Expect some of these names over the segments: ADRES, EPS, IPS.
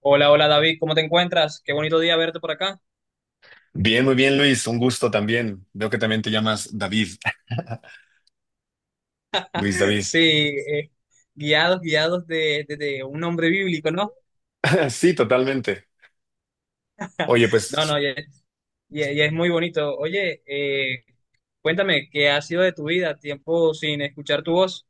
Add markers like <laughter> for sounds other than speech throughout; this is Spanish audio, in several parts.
Hola, hola David, ¿cómo te encuentras? Qué bonito día verte por acá. Bien, muy bien, Luis. Un gusto también. Veo que también te llamas David. <laughs> Luis David. Sí, guiados, guiados de un hombre bíblico, ¿no? <laughs> Sí, totalmente. Oye, No, pues no, ya es muy bonito. Oye, cuéntame, ¿qué ha sido de tu vida? Tiempo sin escuchar tu voz.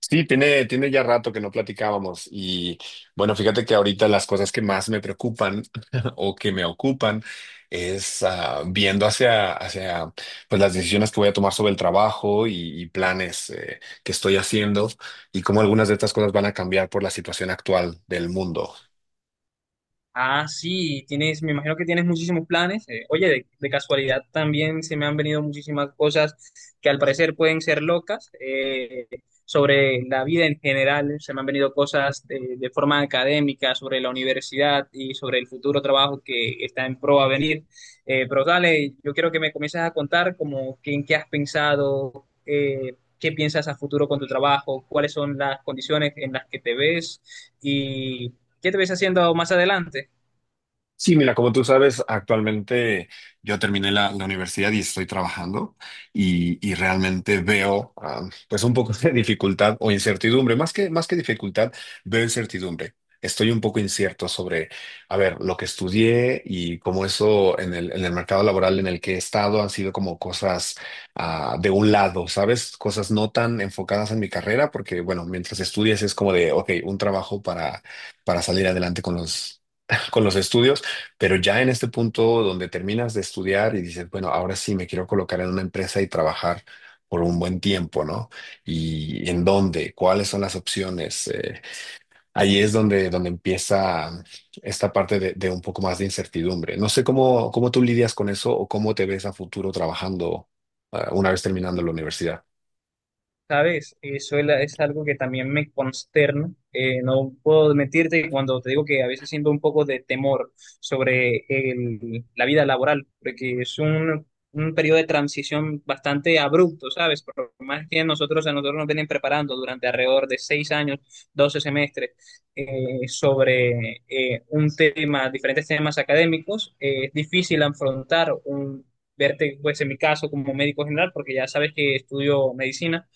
sí, tiene ya rato que no platicábamos. Y bueno, fíjate que ahorita las cosas que más me preocupan <laughs> o que me ocupan es, viendo hacia pues las decisiones que voy a tomar sobre el trabajo, y planes que estoy haciendo, y cómo algunas de estas cosas van a cambiar por la situación actual del mundo. Ah, sí, tienes, me imagino que tienes muchísimos planes. Oye, de casualidad también se me han venido muchísimas cosas que al parecer pueden ser locas sobre la vida en general. Se me han venido cosas de forma académica sobre la universidad y sobre el futuro trabajo que está en pro a venir. Pero dale, yo quiero que me comiences a contar como que, en qué has pensado, qué piensas a futuro con tu trabajo, cuáles son las condiciones en las que te ves y qué te ves haciendo más adelante. Sí, mira, como tú sabes, actualmente yo terminé la universidad y estoy trabajando, y realmente veo, pues un poco <laughs> de dificultad o incertidumbre. Más que dificultad, veo incertidumbre. Estoy un poco incierto sobre, a ver, lo que estudié, y cómo eso en el mercado laboral en el que he estado han sido como cosas, de un lado, ¿sabes? Cosas no tan enfocadas en mi carrera, porque bueno, mientras estudias es como de, ok, un trabajo para salir adelante con los... <laughs> con los estudios. Pero ya en este punto donde terminas de estudiar y dices, bueno, ahora sí me quiero colocar en una empresa y trabajar por un buen tiempo, ¿no? ¿Y en dónde? ¿Cuáles son las opciones? Ahí es donde empieza esta parte de un poco más de incertidumbre. No sé cómo tú lidias con eso, o cómo te ves a futuro trabajando, una vez terminando la universidad. ¿Sabes? Eso es, es algo que también me consterna. No puedo mentirte que cuando te digo que a veces siento un poco de temor sobre la vida laboral, porque es un periodo de transición bastante abrupto, ¿sabes? Por más que a nosotros nos vienen preparando durante alrededor de 6 años, 12 semestres, sobre diferentes temas académicos, es difícil afrontar. Verte, pues en mi caso, como médico general, porque ya sabes que estudio medicina,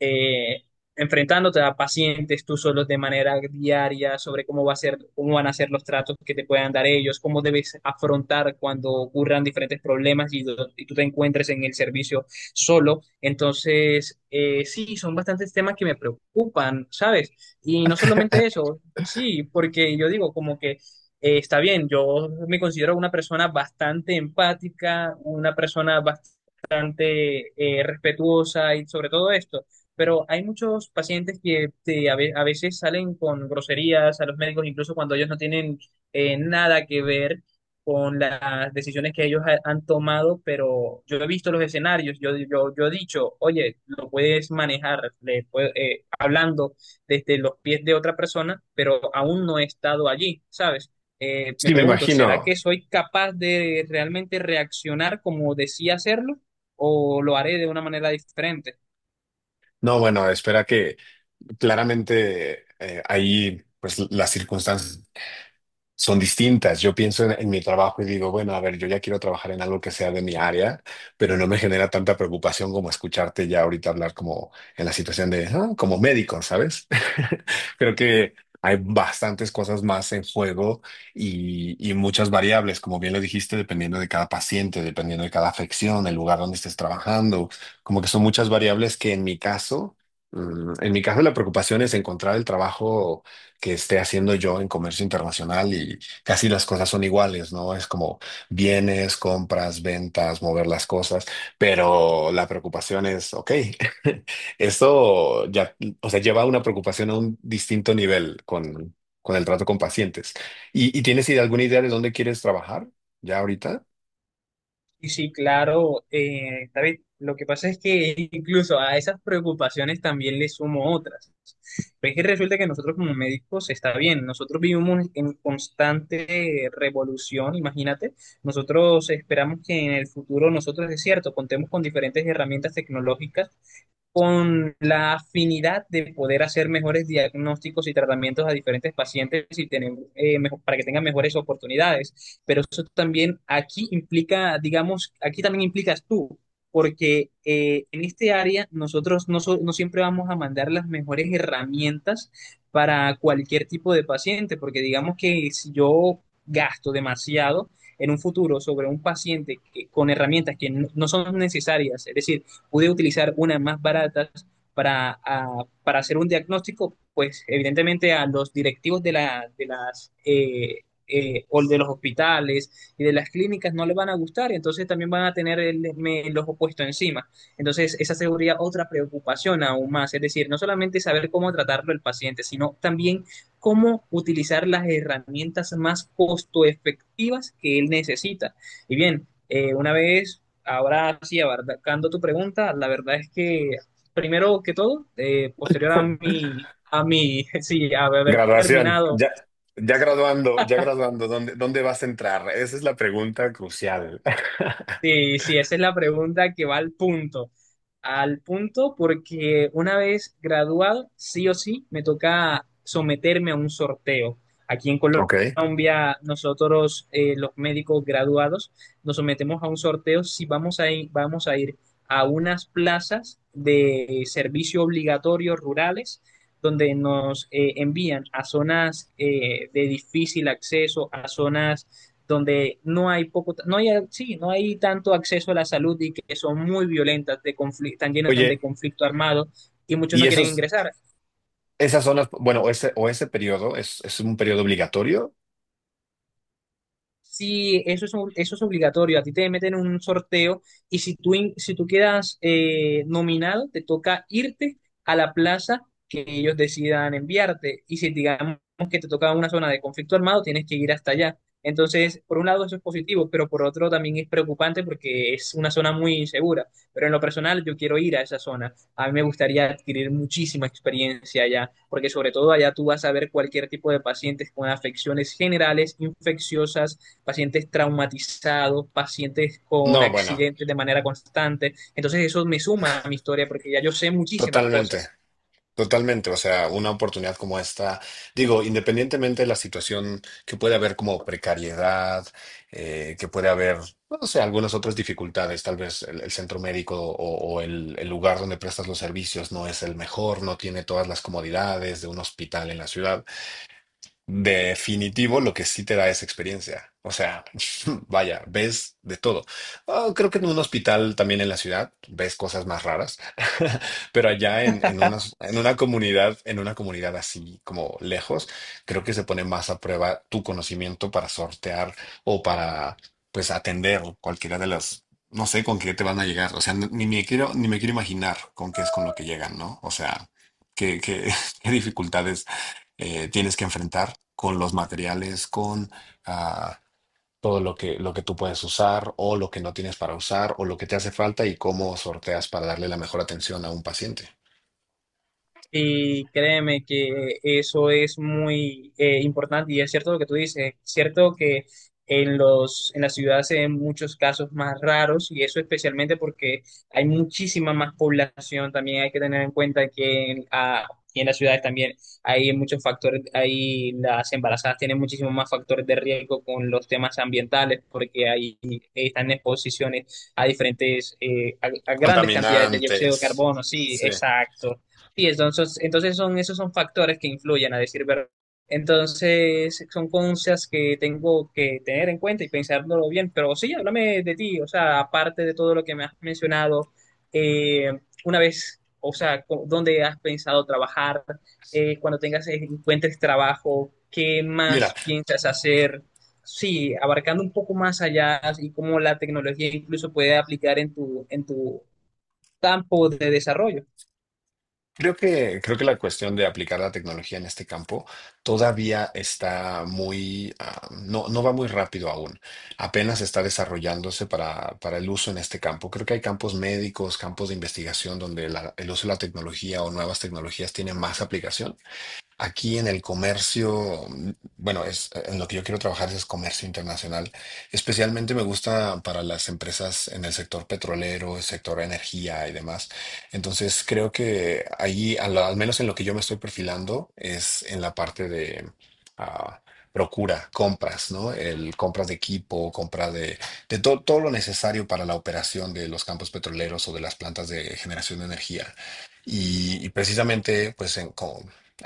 eh, enfrentándote a pacientes tú solo de manera diaria sobre cómo va a ser, cómo van a ser los tratos que te puedan dar ellos, cómo debes afrontar cuando ocurran diferentes problemas y tú te encuentres en el servicio solo. Entonces, sí, son bastantes temas que me preocupan, ¿sabes? Y no solamente eso, sí, porque yo digo como que está bien, yo me considero una persona bastante empática, una persona bastante respetuosa y sobre todo esto, pero hay muchos pacientes que a veces salen con groserías a los médicos, incluso cuando ellos no tienen, nada que ver con las decisiones que ellos han tomado, pero yo he visto los escenarios, yo he dicho, oye, lo puedes manejar hablando desde los pies de otra persona, pero aún no he estado allí, ¿sabes? Me Sí, me pregunto, ¿será imagino. que soy capaz de realmente reaccionar como decía hacerlo o lo haré de una manera diferente? No, bueno, espera que claramente, ahí, pues, las circunstancias son distintas. Yo pienso en mi trabajo y digo, bueno, a ver, yo ya quiero trabajar en algo que sea de mi área, pero no me genera tanta preocupación como escucharte ya ahorita hablar como en la situación de, "Ah, como médico, ¿sabes?" <laughs> Creo que hay bastantes cosas más en juego, y muchas variables, como bien lo dijiste, dependiendo de cada paciente, dependiendo de cada afección, el lugar donde estés trabajando, como que son muchas variables que en mi caso... mm, en mi caso, la preocupación es encontrar el trabajo que esté haciendo yo en comercio internacional, y casi las cosas son iguales, ¿no? Es como bienes, compras, ventas, mover las cosas. Pero la preocupación es, ok, <laughs> esto ya, o sea, lleva una preocupación a un distinto nivel con el trato con pacientes. ¿Y tienes alguna idea de dónde quieres trabajar ya ahorita? Y sí, claro, David, lo que pasa es que <laughs> incluso a esas preocupaciones también le sumo otras. Pero es que resulta que nosotros como médicos está bien, nosotros vivimos en constante revolución, imagínate, nosotros esperamos que en el futuro nosotros, es cierto, contemos con diferentes herramientas tecnológicas, con la afinidad de poder hacer mejores diagnósticos y tratamientos a diferentes pacientes y tener, para que tengan mejores oportunidades. Pero eso también aquí implica, digamos, aquí también implicas tú, porque en este área nosotros no siempre vamos a mandar las mejores herramientas para cualquier tipo de paciente, porque digamos que si yo gasto demasiado en un futuro sobre un paciente con herramientas que no son necesarias, es decir, pude utilizar unas más baratas para hacer un diagnóstico, pues evidentemente a los directivos de los hospitales y de las clínicas no les van a gustar, y entonces también van a tener los opuestos encima. Entonces, esa sería otra preocupación aún más, es decir, no solamente saber cómo tratarlo el paciente, sino también cómo utilizar las herramientas más costo efectivas que él necesita. Y bien, una vez ahora sí, abarcando tu pregunta, la verdad es que primero que todo, posterior a mi, <laughs> sí, a haber Graduación. terminado. Ya, ya graduando, ¿dónde vas a entrar? Esa es la pregunta crucial. <laughs> Sí, sí, esa es la pregunta que va al punto. Al punto porque una vez graduado, sí o sí, me toca someterme a un sorteo. Aquí en Ok. Colombia, nosotros, los médicos graduados, nos sometemos a un sorteo si vamos a ir, a unas plazas de servicio obligatorio rurales, donde nos, envían a zonas, de difícil acceso, a zonas donde no hay poco, no hay, sí, no hay tanto acceso a la salud y que son muy violentas, de conflicto, están llenas de Oye, conflicto armado y muchos y no eso quieren ingresar. esas son bueno, o ese periodo es un periodo obligatorio. Sí, eso es, eso es obligatorio. A ti te meten en un sorteo y si tú quedas, nominado, te toca irte a la plaza que ellos decidan enviarte. Y si digamos que te toca una zona de conflicto armado, tienes que ir hasta allá. Entonces, por un lado eso es positivo, pero por otro también es preocupante porque es una zona muy insegura. Pero en lo personal yo quiero ir a esa zona. A mí me gustaría adquirir muchísima experiencia allá, porque sobre todo allá tú vas a ver cualquier tipo de pacientes con afecciones generales, infecciosas, pacientes traumatizados, pacientes con No, bueno, accidentes de manera constante. Entonces eso me suma a mi historia porque ya yo sé muchísimas totalmente, cosas. totalmente. O sea, una oportunidad como esta, digo, independientemente de la situación que puede haber como precariedad, que puede haber, no sé, algunas otras dificultades. Tal vez el centro médico, o el lugar donde prestas los servicios no es el mejor, no tiene todas las comodidades de un hospital en la ciudad. Definitivo, lo que sí te da es experiencia. O sea, <laughs> vaya, ves de todo. Ah, creo que en un hospital también en la ciudad ves cosas más raras, <laughs> pero allá en una comunidad, en una comunidad así como lejos, creo que se pone más a prueba tu conocimiento para sortear, o para, pues, atender cualquiera de las... no sé con qué te van a llegar. O sea, ni me quiero imaginar con qué es con lo que llegan, ¿no? O sea, qué, qué <laughs> qué dificultades tienes que enfrentar con los materiales, con, ah, todo lo que tú puedes usar, o lo que no tienes para usar, o lo que te hace falta, y cómo sorteas para darle la mejor atención a un paciente. Y créeme que eso es muy, importante y es cierto lo que tú dices, es cierto que en la ciudad se ven muchos casos más raros y eso especialmente porque hay muchísima más población, también hay que tener en cuenta que y en las ciudades también hay muchos factores, ahí las embarazadas tienen muchísimos más factores de riesgo con los temas ambientales porque ahí están en exposiciones a grandes cantidades de dióxido de Contaminantes. carbono, sí, Sí. exacto. Sí, entonces esos son factores que influyen, a decir verdad. Entonces, son cosas que tengo que tener en cuenta y pensándolo bien. Pero sí, háblame de ti, o sea, aparte de todo lo que me has mencionado, eh, una vez, o sea, co- ¿dónde has pensado trabajar? Cuando encuentres trabajo, ¿qué Mira. más piensas hacer? Sí, abarcando un poco más allá y cómo la tecnología incluso puede aplicar en tu campo de desarrollo. Creo que la cuestión de aplicar la tecnología en este campo todavía está muy, no, no va muy rápido aún. Apenas está desarrollándose para el uso en este campo. Creo que hay campos médicos, campos de investigación donde el uso de la tecnología o nuevas tecnologías tiene más aplicación. Aquí en el comercio, mm, bueno, es, en lo que yo quiero trabajar es comercio internacional. Especialmente me gusta para las empresas en el sector petrolero, el sector energía y demás. Entonces creo que ahí, al menos en lo que yo me estoy perfilando, es en la parte de, ah, procura, compras, ¿no? El compras de equipo, compra de todo lo necesario para la operación de los campos petroleros o de las plantas de generación de energía. Y precisamente, pues,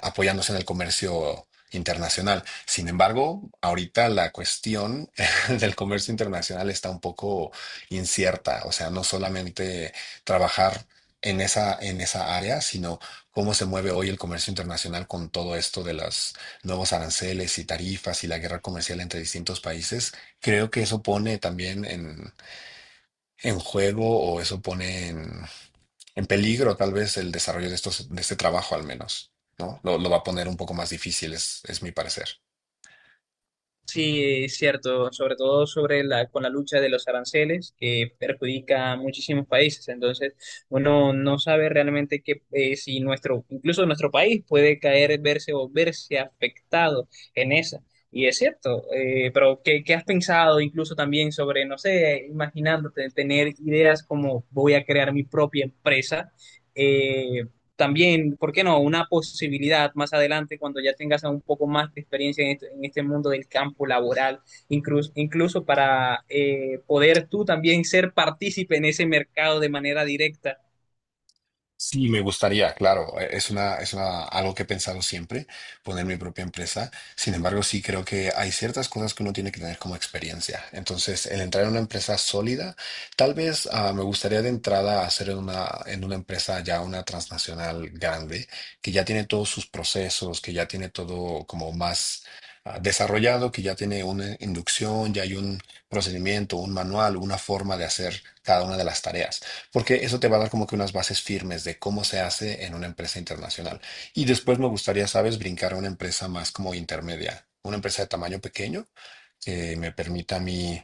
apoyándose en el comercio internacional. Sin embargo, ahorita la cuestión <laughs> del comercio internacional está un poco incierta, o sea, no solamente trabajar en esa área, sino cómo se mueve hoy el comercio internacional con todo esto de los nuevos aranceles y tarifas y la guerra comercial entre distintos países. Creo que eso pone también en juego, o eso pone en peligro tal vez el desarrollo de este trabajo, al menos, ¿no? Lo va a poner un poco más difícil, es mi parecer. Sí, es cierto, sobre todo con la lucha de los aranceles que perjudica a muchísimos países. Entonces, uno no sabe realmente que si incluso nuestro país puede caer, verse afectado en esa. Y es cierto, pero ¿qué has pensado incluso también sobre, no sé, imaginándote tener ideas como voy a crear mi propia empresa? Eh, también, ¿por qué no? Una posibilidad más adelante cuando ya tengas un poco más de experiencia en este mundo del campo laboral, incluso para, poder tú también ser partícipe en ese mercado de manera directa. Sí, me gustaría, claro, algo que he pensado siempre: poner mi propia empresa. Sin embargo, sí creo que hay ciertas cosas que uno tiene que tener como experiencia. Entonces, el entrar en una empresa sólida, tal vez, me gustaría de entrada hacer en una empresa, ya una transnacional grande, que ya tiene todos sus procesos, que ya tiene todo como más, desarrollado, que ya tiene una inducción, ya hay un procedimiento, un manual, una forma de hacer cada una de las tareas. Porque eso te va a dar como que unas bases firmes de cómo se hace en una empresa internacional. Y después me gustaría, sabes, brincar a una empresa más como intermedia, una empresa de tamaño pequeño que me permita a mí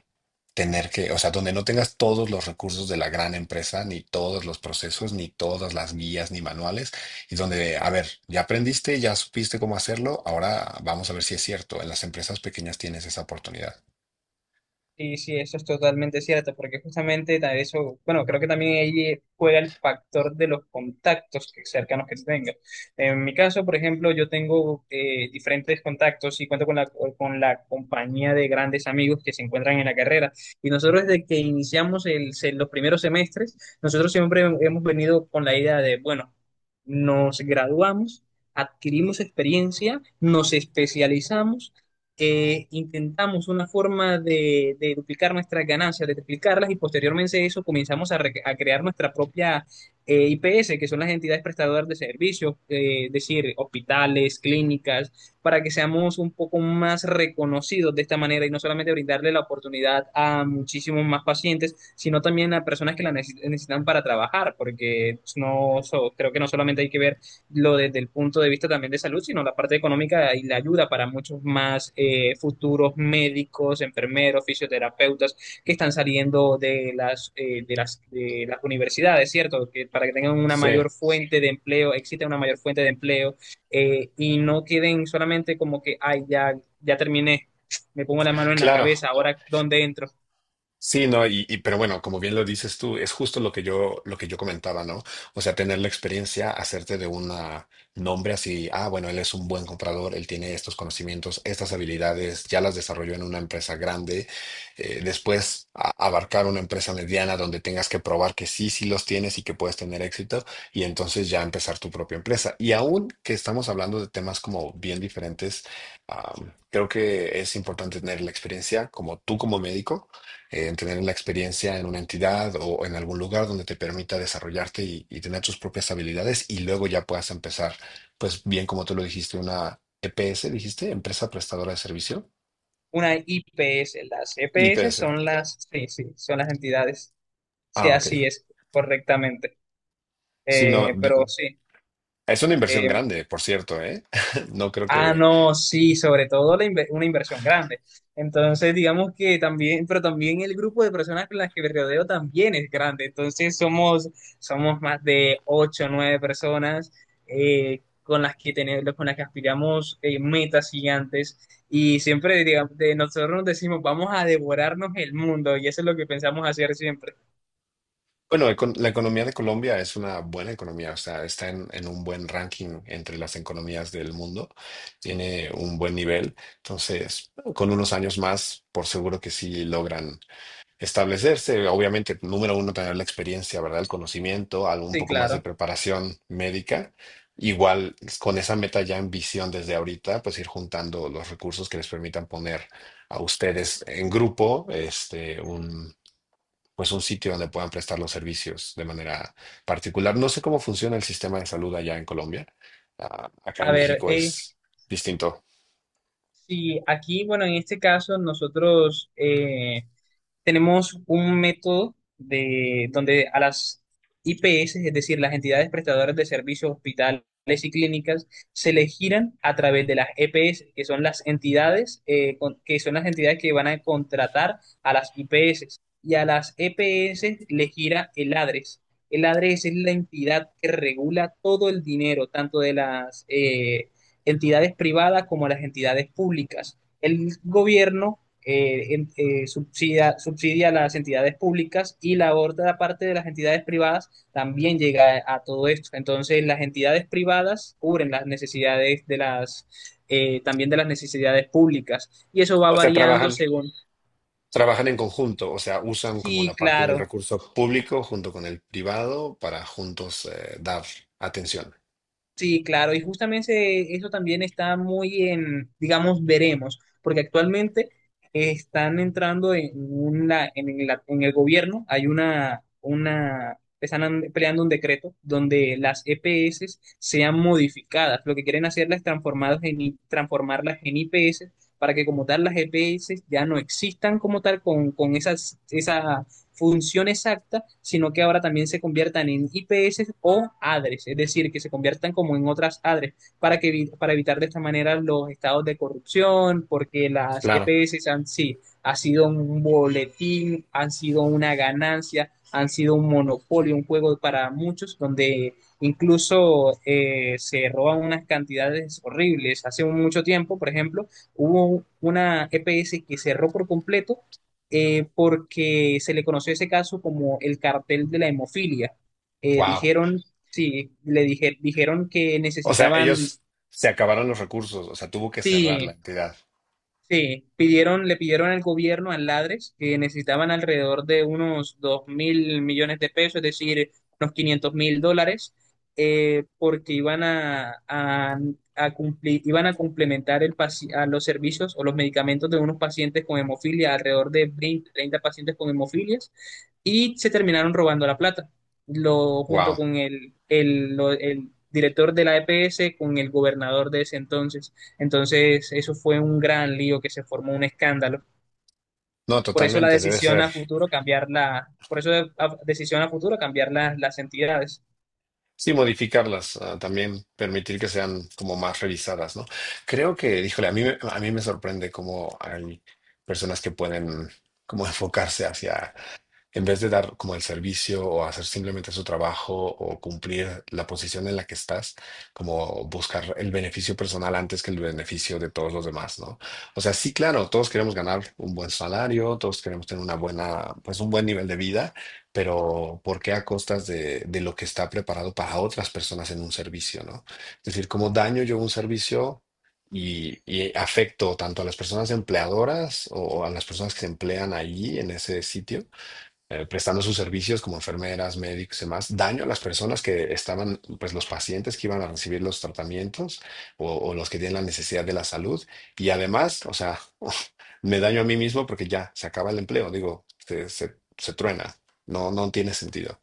tener que, o sea, donde no tengas todos los recursos de la gran empresa, ni todos los procesos, ni todas las guías, ni manuales, y donde, a ver, ya aprendiste, ya supiste cómo hacerlo, ahora vamos a ver si es cierto. En las empresas pequeñas tienes esa oportunidad. Sí, sí, eso es totalmente cierto, porque justamente eso, bueno, creo que también ahí juega el factor de los contactos cercanos que tengas. En mi caso, por ejemplo, yo tengo, diferentes contactos y cuento con la compañía de grandes amigos que se encuentran en la carrera. Y nosotros desde que iniciamos los primeros semestres, nosotros siempre hemos venido con la idea de, bueno, nos graduamos, adquirimos experiencia, nos especializamos, intentamos una forma de duplicar nuestras ganancias, de triplicarlas y posteriormente a eso comenzamos a crear nuestra propia, IPS, que son las entidades prestadoras de servicios, es decir, hospitales, clínicas, para que seamos un poco más reconocidos de esta manera y no solamente brindarle la oportunidad a muchísimos más pacientes, sino también a personas que la necesitan para trabajar, porque creo que no solamente hay que ver lo desde el punto de vista también de salud, sino la parte económica y la ayuda para muchos más, futuros médicos, enfermeros, fisioterapeutas que están saliendo de las universidades, ¿cierto? Que para que tengan una Sí, mayor fuente de empleo, exista una mayor fuente de empleo, y no queden solamente como que, ay, ya terminé, me pongo la mano en la claro. cabeza, ahora ¿dónde entro? Sí, no, pero bueno, como bien lo dices tú, es justo lo que yo comentaba, ¿no? O sea, tener la experiencia, hacerte de un nombre, así, ah, bueno, él es un buen comprador, él tiene estos conocimientos, estas habilidades, ya las desarrolló en una empresa grande. Después abarcar una empresa mediana donde tengas que probar que sí, sí los tienes y que puedes tener éxito, y entonces ya empezar tu propia empresa. Y aún que estamos hablando de temas como bien diferentes, ah, creo que es importante tener la experiencia como tú como médico, en tener la experiencia en una entidad o en algún lugar donde te permita desarrollarte, y tener tus propias habilidades y luego ya puedas empezar, pues bien como tú lo dijiste, una EPS, dijiste, empresa prestadora de servicio, Una IPS, las EPS IPS. son las, sí, sí, son las entidades. Sí, Ah, ok. así es, correctamente. Sí, no, Pero sí. es una inversión eh, grande, por cierto, ¿eh? <laughs> No creo que... no, sí, sobre todo una inversión grande. Entonces, digamos que también, pero también el grupo de personas con las que me rodeo también es grande. Entonces, somos más de ocho o nueve personas, con las que tenemos, con las que aspiramos, metas gigantes. Y siempre, digamos, de nosotros nos decimos, vamos a devorarnos el mundo. Y eso es lo que pensamos hacer siempre. Bueno, la economía de Colombia es una buena economía, o sea, está en un buen ranking entre las economías del mundo, tiene un buen nivel. Entonces, con unos años más, por seguro que sí logran establecerse. Obviamente, número uno, tener la experiencia, ¿verdad? El conocimiento, algo un Sí, poco más de claro. preparación médica. Igual, con esa meta ya en visión desde ahorita, pues ir juntando los recursos que les permitan poner a ustedes en grupo, este, un, pues un sitio donde puedan prestar los servicios de manera particular. No sé cómo funciona el sistema de salud allá en Colombia. Ah, acá A en ver, México es distinto. sí, aquí, bueno, en este caso, nosotros, tenemos un método de donde a las IPS, es decir, las entidades prestadoras de servicios, hospitales y clínicas, se les giran a través de las EPS, que son las entidades que van a contratar a las IPS y a las EPS les gira el ADRES. El ADRES es la entidad que regula todo el dinero, tanto de las, entidades privadas como las entidades públicas. El gobierno, subsidia a las entidades públicas y la otra parte de las entidades privadas también llega a todo esto. Entonces, las entidades privadas cubren las necesidades también de las necesidades públicas y eso va O sea, variando trabajan. según. Trabajan en conjunto, o sea, usan como Sí, la parte del claro. recurso público junto con el privado para juntos, dar atención. Sí, claro, y justamente eso también está muy en, digamos, veremos, porque actualmente, están entrando en el gobierno, hay una, están peleando un decreto donde las EPS sean modificadas, lo que quieren hacerlas transformadas en, I- transformarlas en IPS para que como tal las EPS ya no existan como tal con esas, función exacta, sino que ahora también se conviertan en IPS o ADRES, es decir, que se conviertan como en otras ADRES para evitar de esta manera los estados de corrupción, porque las Claro, EPS sí, ha sido un boletín, han sido una ganancia, han sido un monopolio, un juego para muchos, donde incluso, se roban unas cantidades horribles. Hace mucho tiempo, por ejemplo, hubo una EPS que cerró por completo, porque se le conoció ese caso como el cartel de la hemofilia. Wow. Dijeron, sí, dijeron que O sea, necesitaban, ellos se acabaron los recursos, o sea, tuvo que cerrar la sí, entidad. sí. Le pidieron al gobierno, al Ladres, que necesitaban alrededor de unos 2.000 millones de pesos, es decir, unos 500.000 dólares, porque iban a cumplir, iban a complementar a los servicios o los medicamentos de unos pacientes con hemofilia, alrededor de 20, 30 pacientes con hemofilias, y se terminaron robando la plata. Junto Wow. con el director de la EPS, con el gobernador de ese entonces. Entonces, eso fue un gran lío que se formó un escándalo. No, Por eso la totalmente, debe decisión ser. a futuro cambiar la, decisión a futuro cambiar las entidades. Sí, modificarlas, ah, también permitir que sean como más revisadas, ¿no? Creo que, híjole, a mí, a mí me sorprende cómo hay personas que pueden como enfocarse hacia, en vez de dar como el servicio o hacer simplemente su trabajo o cumplir la posición en la que estás, como buscar el beneficio personal antes que el beneficio de todos los demás, ¿no? O sea, sí, claro, todos queremos ganar un buen salario, todos queremos tener una buena, pues, un buen nivel de vida, pero ¿por qué a costas de lo que está preparado para otras personas en un servicio, ¿no? Es decir, ¿cómo daño yo un servicio, y afecto tanto a las personas empleadoras o a las personas que se emplean allí en ese sitio, prestando sus servicios como enfermeras, médicos y demás, daño a las personas que estaban, pues los pacientes que iban a recibir los tratamientos, o los que tienen la necesidad de la salud? Y además, o sea, <laughs> me daño a mí mismo porque ya se acaba el empleo, digo, se truena, no, no tiene sentido.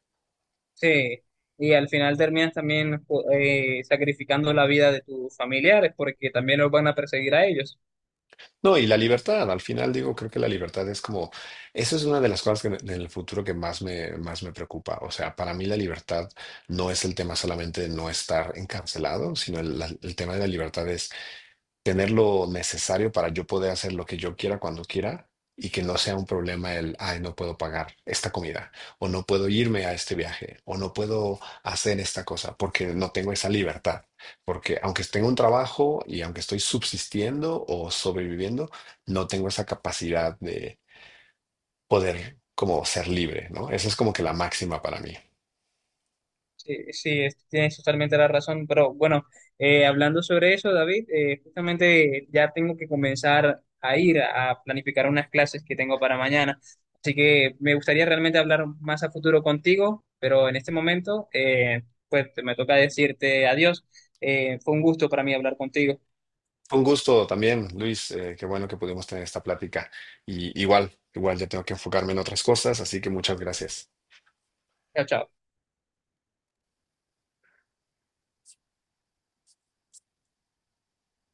Sí. Y al final terminas también, sacrificando la vida de tus familiares porque también los van a perseguir a ellos. No, y la libertad, al final digo, creo que la libertad es como, eso es una de las cosas que en el futuro que más me preocupa. O sea, para mí la libertad no es el tema solamente de no estar encarcelado, sino el tema de la libertad es tener lo necesario para yo poder hacer lo que yo quiera cuando quiera, y que no sea un problema el, ay, no puedo pagar esta comida, o no puedo irme a este viaje, o no puedo hacer esta cosa porque no tengo esa libertad. Porque aunque tengo un trabajo y aunque estoy subsistiendo o sobreviviendo, no tengo esa capacidad de poder como ser libre, ¿no? Esa es como que la máxima para mí. Sí, sí, tienes totalmente la razón, pero bueno, hablando sobre eso, David, justamente ya tengo que comenzar a ir a planificar unas clases que tengo para mañana, así que me gustaría realmente hablar más a futuro contigo, pero en este momento, pues me toca decirte adiós. Fue un gusto para mí hablar contigo. Un gusto también, Luis. Qué bueno que pudimos tener esta plática. Y igual, igual ya tengo que enfocarme en otras cosas, así que muchas gracias. Chao, chao.